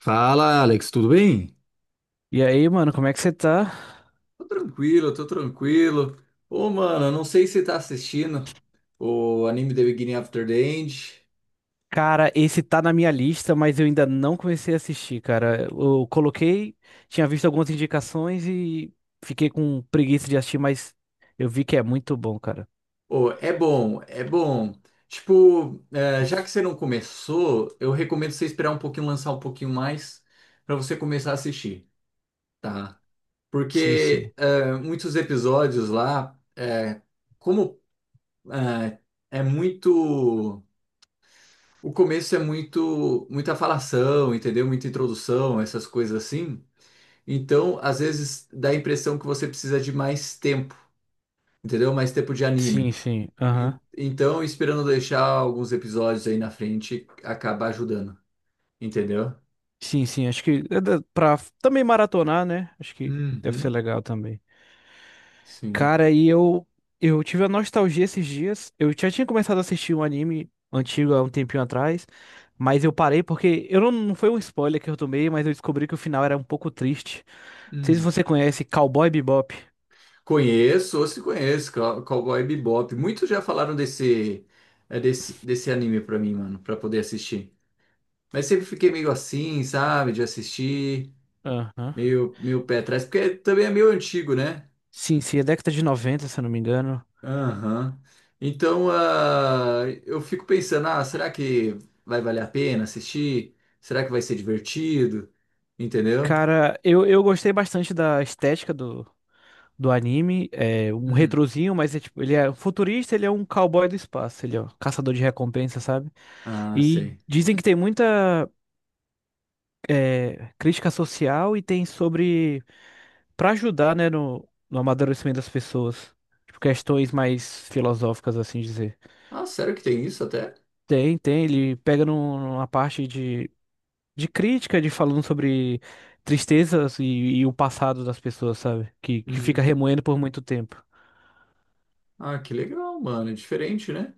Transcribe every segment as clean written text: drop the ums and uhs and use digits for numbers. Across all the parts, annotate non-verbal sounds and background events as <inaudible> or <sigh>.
Fala, Alex, tudo bem? E aí, mano, como é que você tá? Tô tranquilo, tô tranquilo. Ô, mano, não sei se você tá assistindo o anime The Beginning After the End. Cara, esse tá na minha lista, mas eu ainda não comecei a assistir, cara. Eu coloquei, tinha visto algumas indicações e fiquei com preguiça de assistir, mas eu vi que é muito bom, cara. Ô, é bom, é bom. Tipo, é, já que você não começou, eu recomendo você esperar um pouquinho, lançar um pouquinho mais pra você começar a assistir, tá? Sim, sim. Porque é, muitos episódios lá, é, como é, é muito. O começo é muito, muita falação, entendeu? Muita introdução, essas coisas assim. Então, às vezes dá a impressão que você precisa de mais tempo, entendeu? Mais tempo de anime. Sim, sim. Aham. Então, esperando deixar alguns episódios aí na frente, acaba ajudando, entendeu? Sim, sim. Acho que pra também maratonar, né? Acho que deve ser Uhum. legal também. Sim. Cara, e eu tive a nostalgia esses dias. Eu já tinha começado a assistir um anime antigo há um tempinho atrás, mas eu parei porque eu não foi um spoiler que eu tomei, mas eu descobri que o final era um pouco triste. Não sei se Hum. você conhece Cowboy Bebop. Conheço, ou se conheço, Cowboy Bebop. Muitos já falaram desse, é, desse anime pra mim, mano, pra poder assistir. Mas sempre fiquei meio assim, sabe, de assistir. Aham. Meio pé atrás, porque também é meio antigo, né? Sim, sim, é década de 90 se eu não me engano. Aham. Então, ah, eu fico pensando, ah, será que vai valer a pena assistir? Será que vai ser divertido? Entendeu? Cara, eu gostei bastante da estética do anime. É um Hum. retrozinho, mas é tipo, ele é um futurista, ele é um cowboy do espaço, ele é um caçador de recompensa, sabe? Ah, E sei. dizem que tem muita crítica social e tem sobre para ajudar, né, no amadurecimento das pessoas. Tipo, questões mais filosóficas, assim dizer. Ah, sério que tem isso até? Tem, tem, ele pega numa parte de crítica, de falando sobre tristezas e o passado das pessoas, sabe? Que fica Hum. remoendo por muito tempo. Ah, que legal, mano. É diferente, né?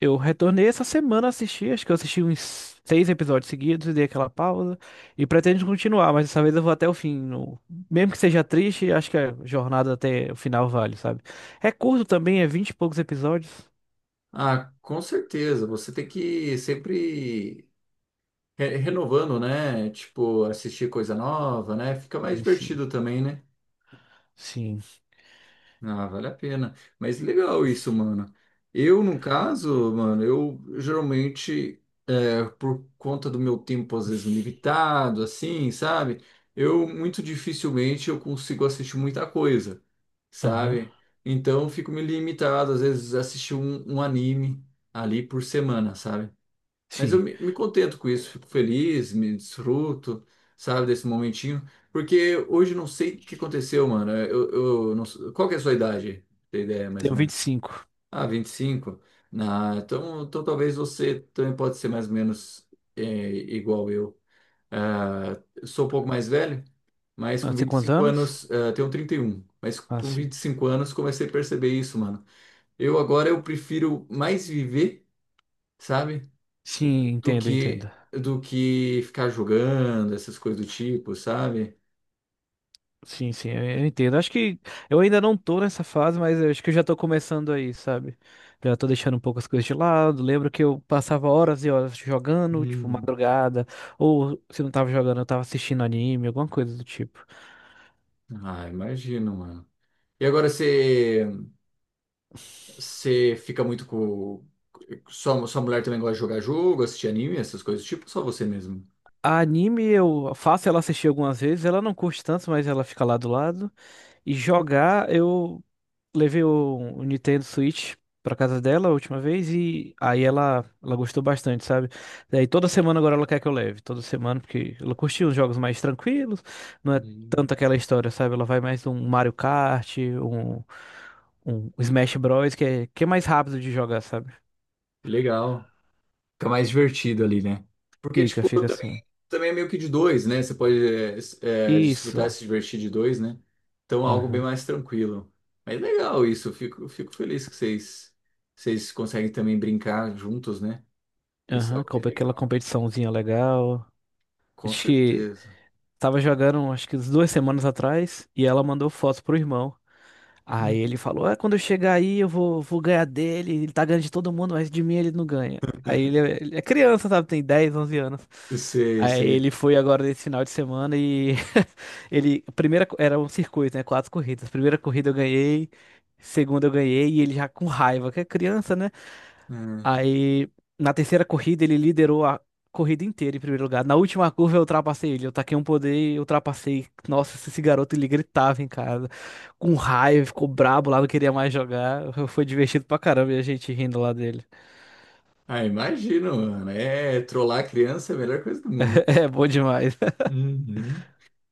Eu retornei essa semana a assistir, acho que eu assisti uns seis episódios seguidos dei aquela pausa. E pretendo continuar, mas dessa vez eu vou até o fim. Mesmo que seja triste, acho que a jornada até o final vale, sabe? É curto também, é vinte e poucos episódios. Ah, com certeza. Você tem que ir sempre renovando, né? Tipo, assistir coisa nova, né? Fica mais Sim, sim. divertido também, né? Sim. Ah, vale a pena. Mas legal isso, mano. Eu, no caso, mano, eu geralmente, é, por conta do meu tempo às vezes limitado, assim, sabe? Eu muito dificilmente eu consigo assistir muita coisa, Aham. sabe? Então, eu fico me limitado, às vezes, a assistir um anime ali por semana, sabe? Mas Sim. Me contento com isso, fico feliz, me desfruto, sabe, desse momentinho. Porque hoje eu não sei o que aconteceu, mano. Eu não, qual que é a sua idade? Tem ideia, mais ou Tenho vinte e menos? cinco Ah, 25. Ah, então talvez você também pode ser mais ou menos é, igual eu. Ah, eu sou um pouco mais velho, mas Ah, com você tem vinte e quantos cinco anos? anos, ah, tenho 31. Mas Ah, com sim. 25 anos comecei a perceber isso, mano. Eu agora eu prefiro mais viver, sabe? Sim, entendo, entendo. Do que ficar jogando, essas coisas do tipo, sabe? Sim, sim, eu entendo. Acho que eu ainda não tô nessa fase, mas eu acho que eu já tô começando aí, sabe? Já tô deixando um pouco as coisas de lado. Lembro que eu passava horas e horas jogando, tipo, Hum. madrugada, ou se não tava jogando, eu tava assistindo anime, alguma coisa do tipo. Ah, imagino, mano. E agora você fica muito com sua mulher também gosta de jogar jogo, assistir anime, essas coisas do tipo, ou só você mesmo? A anime eu faço ela assistir algumas vezes, ela não curte tanto, mas ela fica lá do lado. E jogar, eu levei o Nintendo Switch pra casa dela a última vez e aí ela gostou bastante, sabe? Daí toda semana agora ela quer que eu leve, toda semana, porque ela curtiu os jogos mais tranquilos, não é Hum. tanto aquela história, sabe? Ela vai mais um Mario Kart, um Smash Bros, que é mais rápido de jogar, sabe? Legal. Fica mais divertido ali, né? Porque, Fica, tipo, eu fica assim. também, também é meio que de dois, né? Você pode é, Isso. desfrutar, se divertir de dois, né? Então, é algo bem Aham. mais tranquilo. Mas legal isso, eu fico feliz que vocês, vocês conseguem também brincar juntos, né? Isso é Aham, algo bem compra aquela legal. competiçãozinha legal. Com Acho que certeza. tava jogando, acho que uns 2 semanas atrás, e ela mandou foto pro irmão. Aí Hum. ele falou: Ah, quando eu chegar aí, eu vou ganhar dele. Ele tá ganhando de todo mundo, mas de mim ele não ganha. Aí ele é criança, sabe? Tem 10, 11 anos. Sei, Aí ele sei. foi agora nesse final de semana. <laughs> ele. A Primeira, co- era um circuito, né? Quatro corridas. Primeira corrida eu ganhei, segunda eu ganhei, e ele já com raiva, que é criança, né? Hum. Aí, na terceira corrida, ele liderou a corrida inteira em primeiro lugar. Na última curva, eu ultrapassei ele. Eu taquei um poder e ultrapassei. Nossa, esse garoto, ele gritava em casa. Com raiva, ficou brabo lá, não queria mais jogar. Foi divertido pra caramba e a gente rindo lá dele. Ah, imagino, mano. É, trollar a criança é a melhor coisa do mundo. <laughs> É bom demais. <laughs> Uhum.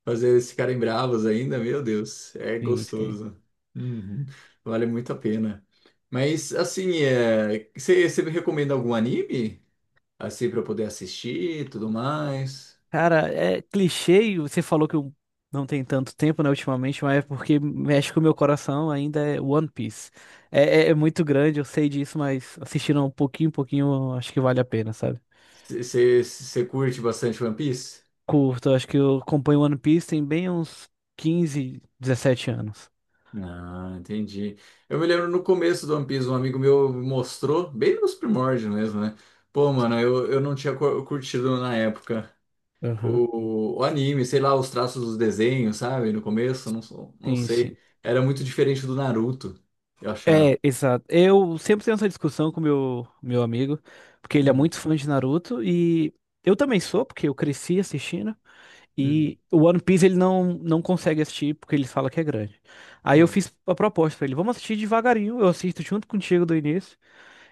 Fazer eles ficarem bravos ainda, meu Deus, é Sim, sim. gostoso. Uhum, vale muito a pena. Mas, assim, é, você me recomenda algum anime? Assim, para eu poder assistir e tudo mais? Cara, é clichê e você falou que eu não tem tanto tempo, né, ultimamente, mas é porque mexe com o meu coração ainda é One Piece. É muito grande, eu sei disso, mas assistindo um pouquinho, pouquinho, acho que vale a pena, sabe? Você curte bastante One Piece? Curto, acho que eu acompanho One Piece tem bem uns 15, 17 anos. Ah, entendi. Eu me lembro no começo do One Piece, um amigo meu mostrou, bem nos primórdios mesmo, né? Pô, mano, eu não tinha curtido na época. Aham. O anime, sei lá, os traços dos desenhos, sabe? No começo, não, não Sim, sim. sei. Era muito diferente do Naruto, eu achava. É, exato. Eu sempre tenho essa discussão com meu amigo, porque ele é Hum, muito fã de Naruto e eu também sou, porque eu cresci assistindo. hum, E o One Piece ele não consegue assistir porque ele fala que é grande. Aí eu hum. fiz a proposta pra ele, vamos assistir devagarinho, eu assisto junto contigo do início.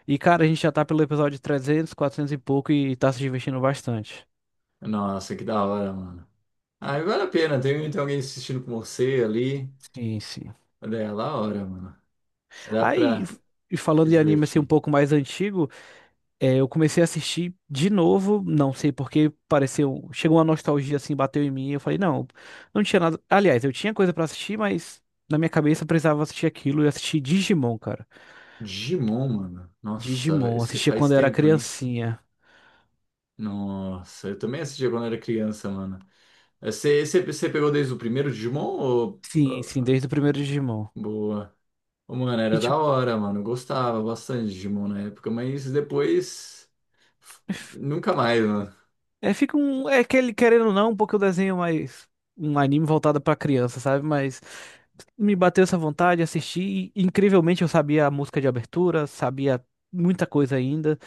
E cara, a gente já tá pelo episódio 300, 400 e pouco e tá se divertindo bastante. Nossa, que da hora, mano. Ah, vale a pena, tem, tem alguém assistindo com você ali. Sim, sim. Olha, é da hora, mano. Dá Aí, pra e se falando de anime assim um divertir. pouco mais antigo, eu comecei a assistir de novo, não sei porque pareceu, chegou uma nostalgia assim, bateu em mim, eu falei, não, não tinha nada. Aliás, eu tinha coisa pra assistir, mas na minha cabeça eu precisava assistir aquilo e assisti Digimon, cara. Digimon, mano. Nossa, Digimon, esse assistia faz quando eu era tempo, hein? criancinha. Nossa, eu também assistia quando era criança, mano. Você pegou desde o primeiro Digimon Sim, sim, ou- desde o primeiro Digimon. Boa. Ô, mano, E era da hora, mano. Eu gostava bastante de Digimon na época, mas depois f- nunca mais, mano. é, fica um. É aquele, querendo ou não, um pouco o desenho mais. Um anime voltado pra criança, sabe? Mas me bateu essa vontade, assisti. E, incrivelmente, eu sabia a música de abertura, sabia muita coisa ainda.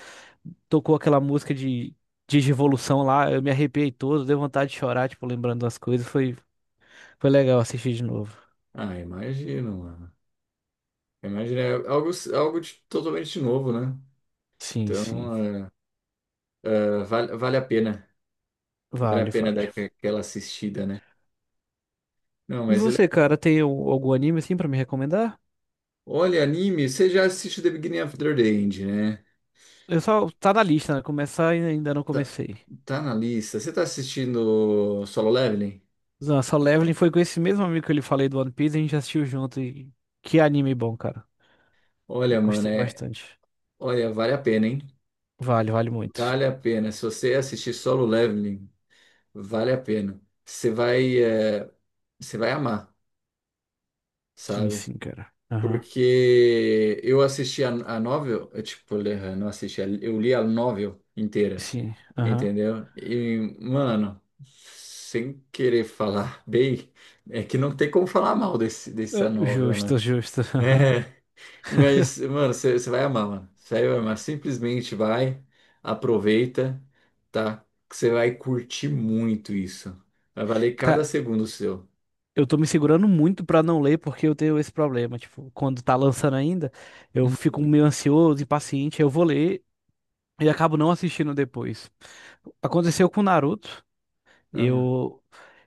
Tocou aquela música de Revolução lá, eu me arrepiei todo, deu vontade de chorar, tipo, lembrando das coisas. Foi legal assistir de novo. Ah, imagino, mano. Imagina, é algo, algo de- totalmente novo, né? Sim, sim. Então, é, é, vale a pena. Vale a Vale, pena dar vale. Aquela assistida, né? Não, E mas ele... você, cara, tem algum anime assim pra me recomendar? Olha, anime, você já assiste The Beginning of the End, né? Eu só. Tá na lista, né? Começar e ainda não Tá, comecei. tá na lista. Você tá assistindo Solo Leveling? Nossa, só Leveling foi com esse mesmo amigo que eu lhe falei do One Piece, a gente assistiu junto e que anime bom, cara. Olha, Eu mano, gostei é... bastante. Olha, vale a pena, hein? Vale, vale muito. Vale a pena. Se você assistir Solo Leveling, vale a pena. Você vai, você vai amar, Sim, sabe? sim, cara. Aham. Porque eu assisti a novel, eu, tipo, não assisti, eu li a novel inteira, Sim, aham. entendeu? E, mano, sem querer falar <laughs> bem, é que não tem como falar mal dessa Ah, novel, justo, né? justo. Aham. É, <laughs> mas, mano, você vai amar, mano. Você vai amar. Simplesmente vai, aproveita, tá? Que você vai curtir muito isso. Vai valer cada Cara, segundo seu. eu tô me segurando muito pra não ler porque eu tenho esse problema. Tipo, quando tá lançando ainda, eu fico meio ansioso, impaciente, eu vou ler e acabo não assistindo depois. Aconteceu com Naruto. Ah, Eu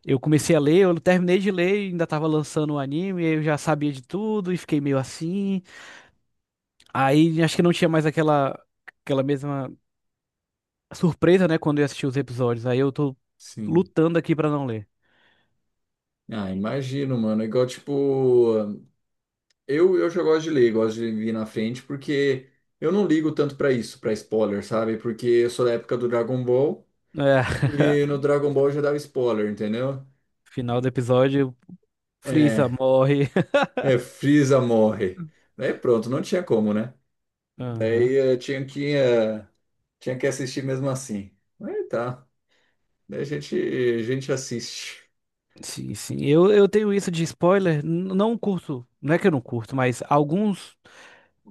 eu comecei a ler, eu terminei de ler, e ainda tava lançando o anime, eu já sabia de tudo e fiquei meio assim. Aí acho que não tinha mais aquela mesma surpresa, né, quando eu assisti os episódios. Aí eu tô sim. lutando aqui pra não ler. Ah, imagino, mano. É igual, tipo, eu já gosto de ler, gosto de vir na frente, porque eu não ligo tanto pra isso, pra spoiler, sabe? Porque eu sou da época do Dragon Ball É. e no <laughs> Dragon Ball já dava spoiler, entendeu? Final do episódio, Frieza É, morre. é, Freeza morre. Daí pronto, não tinha como, né? <laughs> Aham. Daí tinha que assistir mesmo assim. Mas tá, daí a gente assiste. Sim, sim. Eu tenho isso de spoiler. Não curto, não é que eu não curto, mas alguns.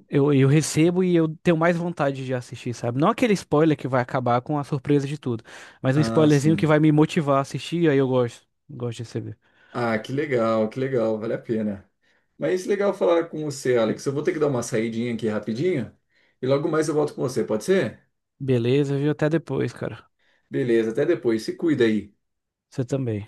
Eu recebo e eu tenho mais vontade de assistir, sabe? Não aquele spoiler que vai acabar com a surpresa de tudo, mas um Ah, spoilerzinho que sim. vai me motivar a assistir, aí eu gosto. Gosto de receber. Ah, que legal, vale a pena. Mas legal falar com você, Alex. Eu vou ter que dar uma saidinha aqui rapidinho e logo mais eu volto com você, pode ser? Beleza, viu? Até depois, cara. Beleza, até depois. Se cuida aí. Você também.